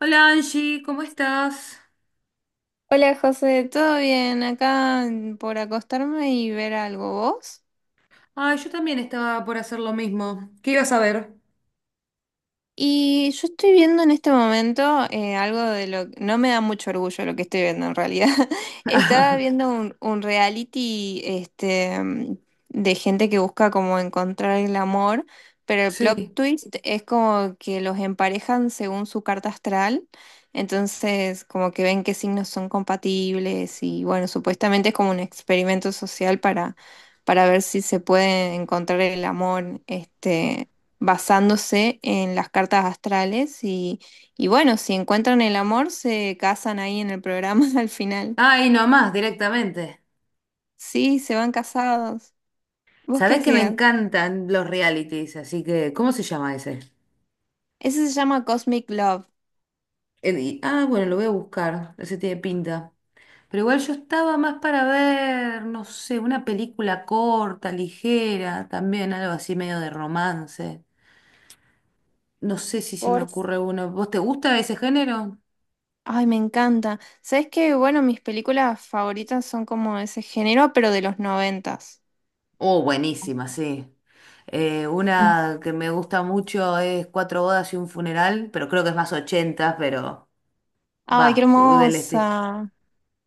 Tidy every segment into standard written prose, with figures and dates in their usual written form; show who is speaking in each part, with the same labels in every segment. Speaker 1: Hola Angie, ¿cómo estás?
Speaker 2: Hola José, ¿todo bien? Acá por acostarme y ver algo, ¿vos?
Speaker 1: Ay, yo también estaba por hacer lo mismo. ¿Qué ibas a ver?
Speaker 2: Y yo estoy viendo en este momento algo de lo no me da mucho orgullo lo que estoy viendo en realidad. Estaba viendo un reality este. De gente que busca como encontrar el amor, pero el plot
Speaker 1: Sí.
Speaker 2: twist es como que los emparejan según su carta astral. Entonces, como que ven qué signos son compatibles y bueno, supuestamente es como un experimento social para ver si se puede encontrar el amor. Este, basándose en las cartas astrales, y bueno, si encuentran el amor, se casan ahí en el programa al final.
Speaker 1: Ay, nomás, directamente.
Speaker 2: Sí, se van casados. ¿Vos qué
Speaker 1: Sabés que me
Speaker 2: hacías?
Speaker 1: encantan los realities, así que, ¿cómo se llama ese?
Speaker 2: Ese se llama Cosmic Love.
Speaker 1: Bueno, lo voy a buscar, ese tiene pinta. Pero igual yo estaba más para ver, no sé, una película corta, ligera, también algo así medio de romance. No sé si se me
Speaker 2: Por...
Speaker 1: ocurre uno. ¿Vos te gusta ese género?
Speaker 2: Ay, me encanta. ¿Sabes qué? Bueno, mis películas favoritas son como de ese género, pero de los noventas.
Speaker 1: Oh, buenísima, sí. Una que me gusta mucho es Cuatro bodas y un funeral, pero creo que es más 80, pero
Speaker 2: Ay, qué
Speaker 1: va, del este.
Speaker 2: hermosa.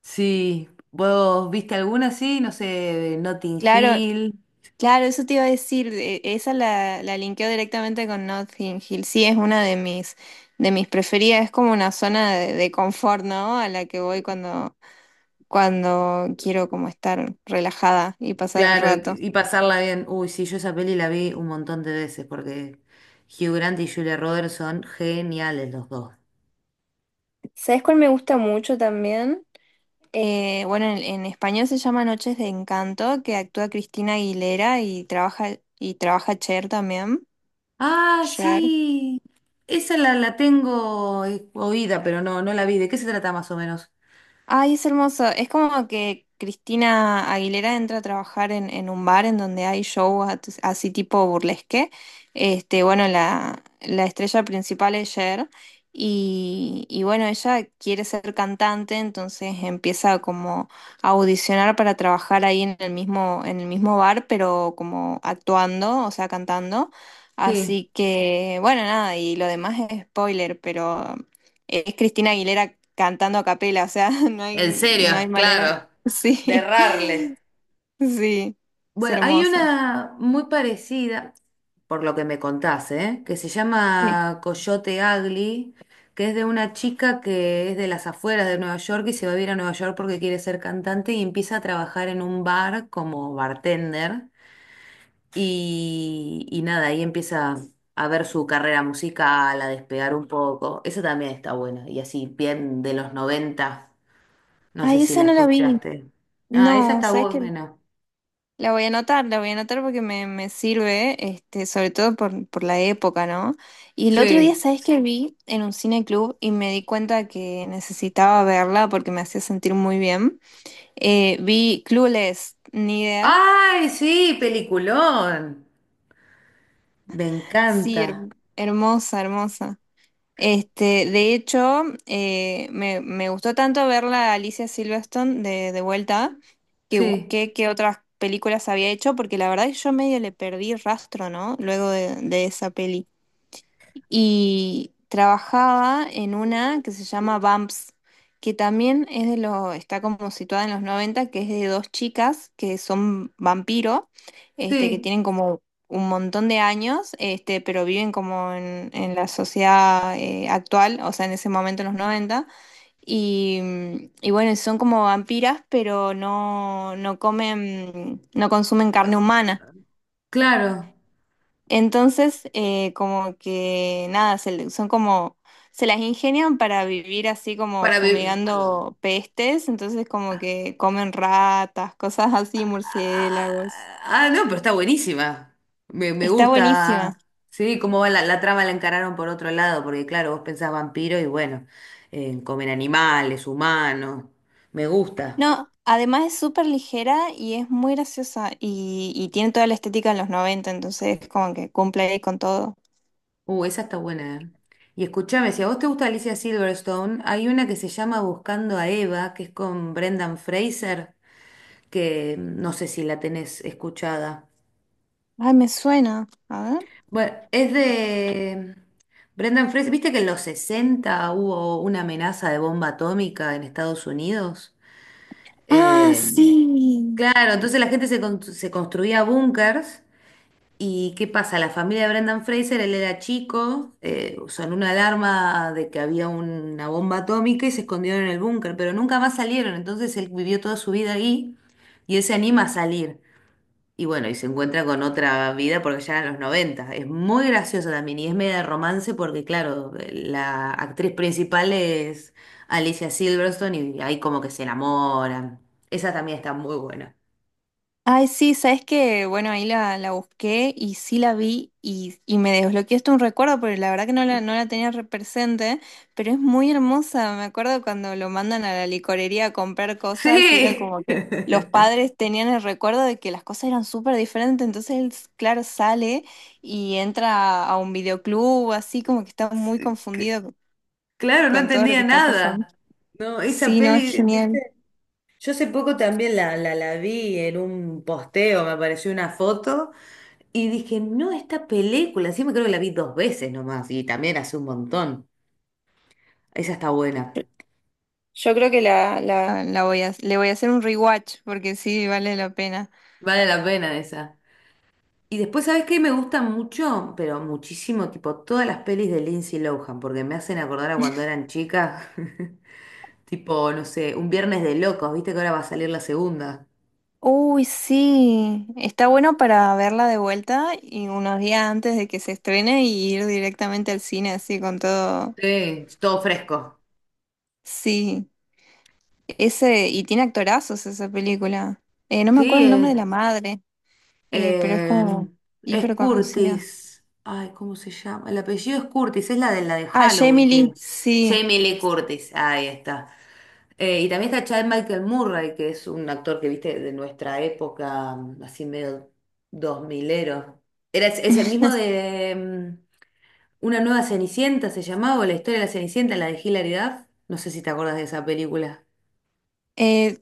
Speaker 1: Sí, ¿vos viste alguna así? No sé, Notting
Speaker 2: Claro.
Speaker 1: Hill.
Speaker 2: Claro, eso te iba a decir, esa la linkeo directamente con Notting Hill. Sí, es una de de mis preferidas, es como una zona de confort, ¿no? A la que voy cuando quiero como estar relajada y pasar el
Speaker 1: Claro,
Speaker 2: rato.
Speaker 1: y pasarla bien. Uy, sí, yo esa peli la vi un montón de veces porque Hugh Grant y Julia Roberts son geniales los dos.
Speaker 2: ¿Sabes cuál me gusta mucho también? Bueno, en español se llama Noches de Encanto, que actúa Cristina Aguilera y y trabaja Cher también.
Speaker 1: Ah,
Speaker 2: Cher.
Speaker 1: sí. Esa la tengo oída, pero no, no la vi. ¿De qué se trata más o menos?
Speaker 2: Ay, es hermoso. Es como que Cristina Aguilera entra a trabajar en un bar en donde hay shows así tipo burlesque. Este, bueno, la estrella principal es Cher y bueno, ella quiere ser cantante, entonces empieza como a audicionar para trabajar ahí en el en el mismo bar, pero como actuando, o sea, cantando.
Speaker 1: Sí.
Speaker 2: Así que, bueno, nada, y lo demás es spoiler, pero es Cristina Aguilera cantando a capela, o sea,
Speaker 1: En serio,
Speaker 2: no hay manera.
Speaker 1: claro. De
Speaker 2: Sí,
Speaker 1: errarle.
Speaker 2: sí, es
Speaker 1: Bueno, hay
Speaker 2: hermosa.
Speaker 1: una muy parecida, por lo que me contaste, ¿eh? Que se
Speaker 2: Sí.
Speaker 1: llama Coyote Ugly, que es de una chica que es de las afueras de Nueva York y se va a vivir a Nueva York porque quiere ser cantante y empieza a trabajar en un bar como bartender. Y nada, ahí empieza a ver su carrera musical, a despegar un poco. Eso también está bueno. Y así, bien de los 90. No sé
Speaker 2: Ay,
Speaker 1: si
Speaker 2: esa
Speaker 1: la
Speaker 2: no la vi.
Speaker 1: escuchaste. Ah, esa
Speaker 2: No,
Speaker 1: está
Speaker 2: ¿sabes qué?
Speaker 1: buena.
Speaker 2: La voy a anotar, la voy a anotar porque me sirve, este, sobre todo por la época, ¿no? Y el otro día,
Speaker 1: Sí.
Speaker 2: ¿sabes qué vi en un cine club y me di cuenta que necesitaba verla porque me hacía sentir muy bien? Vi Clueless, ni idea.
Speaker 1: Ay, sí, peliculón. Me
Speaker 2: Sí,
Speaker 1: encanta.
Speaker 2: hermosa, hermosa. Este, de hecho, me gustó tanto ver la Alicia Silverstone de vuelta que
Speaker 1: Sí,
Speaker 2: busqué qué otras películas había hecho, porque la verdad es que yo medio le perdí rastro, ¿no? Luego de esa peli y trabajaba en una que se llama Bumps, que también es está como situada en los noventa, que es de dos chicas que son vampiro, este, que
Speaker 1: sí,
Speaker 2: tienen como un montón de años, este, pero viven como en la sociedad actual, o sea, en ese momento en los noventa. Y, y bueno, son como vampiras, pero no comen, no consumen carne humana.
Speaker 1: claro.
Speaker 2: Entonces, como que nada, son como, se las ingenian para vivir así como
Speaker 1: Para be-
Speaker 2: fumigando pestes, entonces como
Speaker 1: Ah,
Speaker 2: que comen ratas, cosas así, murciélagos.
Speaker 1: ah, ah, no, pero está buenísima. Me
Speaker 2: Está
Speaker 1: gusta.
Speaker 2: buenísima.
Speaker 1: Sí, cómo va la trama la encararon por otro lado, porque claro, vos pensás vampiro y bueno, comen animales, humanos. Me gusta.
Speaker 2: No, además es súper ligera y es muy graciosa y tiene toda la estética de los 90, entonces como que cumple ahí con todo.
Speaker 1: Esa está buena. Y escúchame, si a vos te gusta Alicia Silverstone, hay una que se llama Buscando a Eva, que es con Brendan Fraser, que no sé si la tenés escuchada.
Speaker 2: Ay, me suena. A ver.
Speaker 1: Bueno, es de Brendan Fraser. ¿Viste que en los 60 hubo una amenaza de bomba atómica en Estados Unidos?
Speaker 2: Ah,
Speaker 1: Eh,
Speaker 2: sí.
Speaker 1: claro, entonces la gente se construía búnkers. ¿Y qué pasa? La familia de Brendan Fraser, él era chico, sonó una alarma de que había una bomba atómica y se escondieron en el búnker, pero nunca más salieron, entonces él vivió toda su vida ahí y él se anima a salir. Y bueno, y se encuentra con otra vida porque ya eran los noventa. Es muy graciosa también y es media de romance porque, claro, la actriz principal es Alicia Silverstone y ahí como que se enamoran. Esa también está muy buena.
Speaker 2: Ay, sí, sabes que, bueno, ahí la busqué y sí la vi y me desbloqueaste un recuerdo, porque la verdad que no no la tenía re presente, pero es muy hermosa. Me acuerdo cuando lo mandan a la licorería a comprar cosas y era
Speaker 1: Sí.
Speaker 2: como que los padres tenían el recuerdo de que las cosas eran súper diferentes, entonces él, claro, sale y entra a un videoclub, así como que está muy confundido
Speaker 1: Claro, no
Speaker 2: con todo lo que
Speaker 1: entendía
Speaker 2: está pasando.
Speaker 1: nada. No, esa
Speaker 2: Sí, no, es
Speaker 1: peli,
Speaker 2: genial.
Speaker 1: ¿viste? Yo hace poco también la vi en un posteo, me apareció una foto y dije, no, esta película, sí me creo que la vi dos veces nomás y también hace un montón. Esa está buena.
Speaker 2: Yo creo que la voy a, le voy a hacer un rewatch porque sí, vale la pena.
Speaker 1: Vale la pena esa. Y después, ¿sabes qué? Me gusta mucho, pero muchísimo, tipo todas las pelis de Lindsay Lohan, porque me hacen acordar a cuando eran chicas, tipo, no sé, un Viernes de Locos, ¿viste que ahora va a salir la segunda?
Speaker 2: Uy, sí, está bueno para verla de vuelta y unos días antes de que se estrene y ir directamente al cine así con todo.
Speaker 1: Sí, todo fresco.
Speaker 2: Sí, ese, y tiene actorazos esa película. No me acuerdo
Speaker 1: Sí,
Speaker 2: el nombre
Speaker 1: es.
Speaker 2: de la madre, pero es
Speaker 1: Eh,
Speaker 2: como
Speaker 1: es
Speaker 2: hiper conocida.
Speaker 1: Curtis. Ay, ¿cómo se llama? El apellido es Curtis, es la de
Speaker 2: Ah, Jamie
Speaker 1: Halloween,
Speaker 2: Lee,
Speaker 1: que
Speaker 2: sí.
Speaker 1: Jamie Lee Curtis, ahí está. Y también está Chad Michael Murray, que es un actor que viste de nuestra época, así medio dos milero. Es el mismo de Una nueva Cenicienta, se llamaba, o la historia de la Cenicienta, la de Hilary Duff. No sé si te acuerdas de esa película.
Speaker 2: Eh,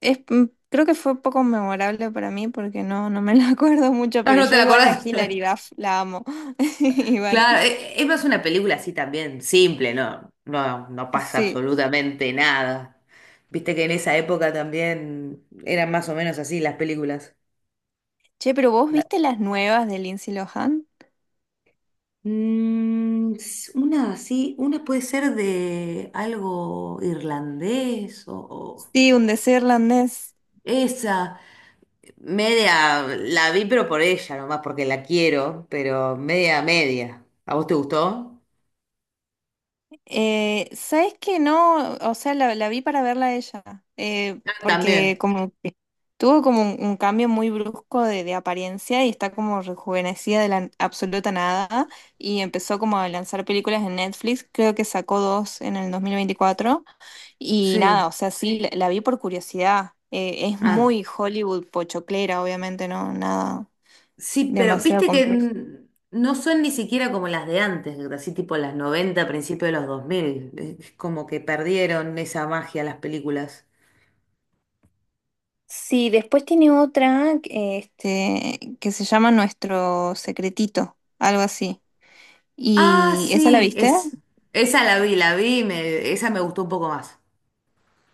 Speaker 2: es, mm, creo que fue poco memorable para mí porque no, no me la acuerdo mucho,
Speaker 1: Ah,
Speaker 2: pero
Speaker 1: no te
Speaker 2: yo
Speaker 1: la
Speaker 2: igual a
Speaker 1: acordás.
Speaker 2: Hilary Duff la amo. Igual,
Speaker 1: Claro, es más una película así también, simple, ¿no? No, no pasa
Speaker 2: sí.
Speaker 1: absolutamente nada. Viste que en esa época también eran más o menos así las películas.
Speaker 2: Che, pero ¿vos
Speaker 1: La-
Speaker 2: viste las nuevas de Lindsay Lohan?
Speaker 1: Una así, una puede ser de algo irlandés o
Speaker 2: Sí, un deseo irlandés.
Speaker 1: esa. Media, la vi pero por ella nomás, porque la quiero, pero media, media. ¿A vos te gustó?
Speaker 2: ¿Sabes que no? O sea, la vi para verla a ella,
Speaker 1: Ah,
Speaker 2: porque
Speaker 1: también.
Speaker 2: como que tuvo como un cambio muy brusco de apariencia y está como rejuvenecida de la absoluta nada y empezó como a lanzar películas en Netflix, creo que sacó dos en el 2024 y nada,
Speaker 1: Sí.
Speaker 2: o sea, sí, la vi por curiosidad. Es
Speaker 1: Ah,
Speaker 2: muy Hollywood pochoclera, obviamente, no, nada
Speaker 1: sí, pero
Speaker 2: demasiado
Speaker 1: viste que
Speaker 2: complejo.
Speaker 1: no son ni siquiera como las de antes, así tipo las 90, principios de los 2000. Es como que perdieron esa magia las películas.
Speaker 2: Sí, después tiene otra que, este, que se llama Nuestro Secretito, algo así.
Speaker 1: Ah,
Speaker 2: ¿Y esa la
Speaker 1: sí,
Speaker 2: viste?
Speaker 1: es, esa la vi, me, esa me gustó un poco más.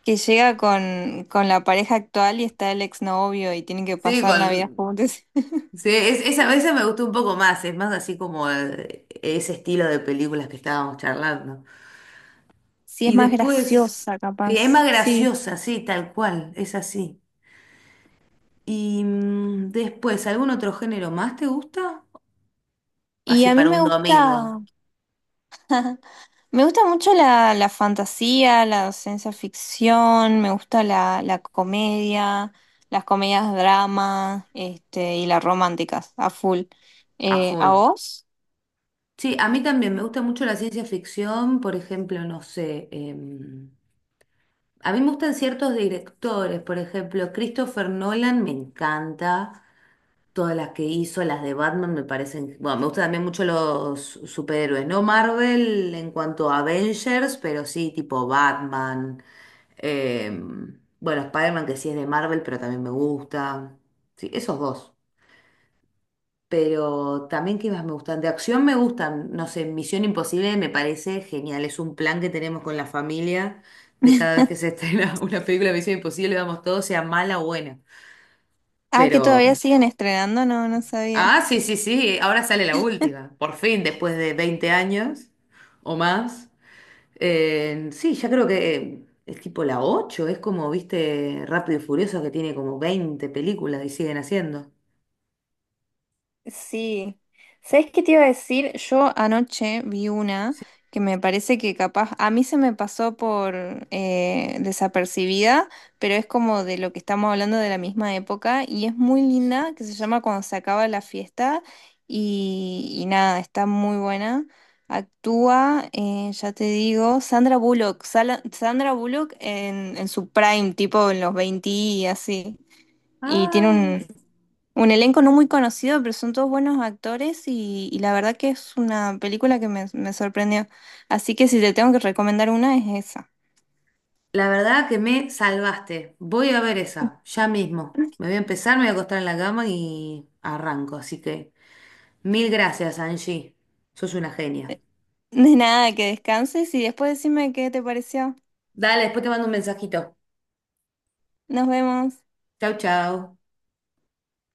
Speaker 2: Que llega con la pareja actual y está el exnovio y tienen que
Speaker 1: Sí,
Speaker 2: pasar Navidad
Speaker 1: con,
Speaker 2: juntos.
Speaker 1: sí, esa, esa me gustó un poco más, es más así como ese estilo de películas que estábamos charlando.
Speaker 2: Sí, es
Speaker 1: Y
Speaker 2: más
Speaker 1: después,
Speaker 2: graciosa,
Speaker 1: sí, es
Speaker 2: capaz.
Speaker 1: más
Speaker 2: Sí.
Speaker 1: graciosa, sí, tal cual, es así. Y después, ¿algún otro género más te gusta?
Speaker 2: Y
Speaker 1: Así
Speaker 2: a mí
Speaker 1: para un domingo,
Speaker 2: me gusta mucho la fantasía, la ciencia ficción, me gusta la comedia, las comedias drama, este, y las románticas, a full.
Speaker 1: a
Speaker 2: ¿A
Speaker 1: full.
Speaker 2: vos?
Speaker 1: Sí, a mí también me gusta mucho la ciencia ficción, por ejemplo, no sé, a mí me gustan ciertos directores, por ejemplo, Christopher Nolan me encanta, todas las que hizo, las de Batman me parecen, bueno, me gustan también mucho los superhéroes, no Marvel en cuanto a Avengers, pero sí tipo Batman, bueno, Spider-Man que sí es de Marvel, pero también me gusta, sí, esos dos. Pero también, ¿qué más me gustan? De acción me gustan, no sé, Misión Imposible me parece genial, es un plan que tenemos con la familia de cada vez que se estrena una película de Misión Imposible, vamos todos, sea mala o buena.
Speaker 2: Ah, que
Speaker 1: Pero,
Speaker 2: todavía siguen estrenando, no, no sabía.
Speaker 1: ah, sí, sí, sí, ahora sale la última, por fin, después de 20 años o más. Sí, ya creo que es tipo la 8 es como, viste, Rápido y Furioso que tiene como 20 películas y siguen haciendo.
Speaker 2: Sí. ¿Sabes qué te iba a decir? Yo anoche vi una
Speaker 1: Sí.
Speaker 2: que me parece que capaz, a mí se me pasó por desapercibida, pero es como de lo que estamos hablando de la misma época y es muy linda, que se llama Cuando se acaba la fiesta y nada, está muy buena. Actúa, ya te digo, Sandra Bullock en su prime, tipo en los 20 y así. Y tiene
Speaker 1: Ay.
Speaker 2: un elenco no muy conocido, pero son todos buenos actores y la verdad que es una película que me sorprendió. Así que si te tengo que recomendar una es esa.
Speaker 1: La verdad que me salvaste. Voy a ver esa, ya mismo. Me voy a empezar, me voy a acostar en la cama y arranco. Así que mil gracias, Angie. Sos una genia.
Speaker 2: De nada, que descanses y después decime qué te pareció.
Speaker 1: Dale, después te mando un mensajito.
Speaker 2: Nos vemos.
Speaker 1: Chau, chau.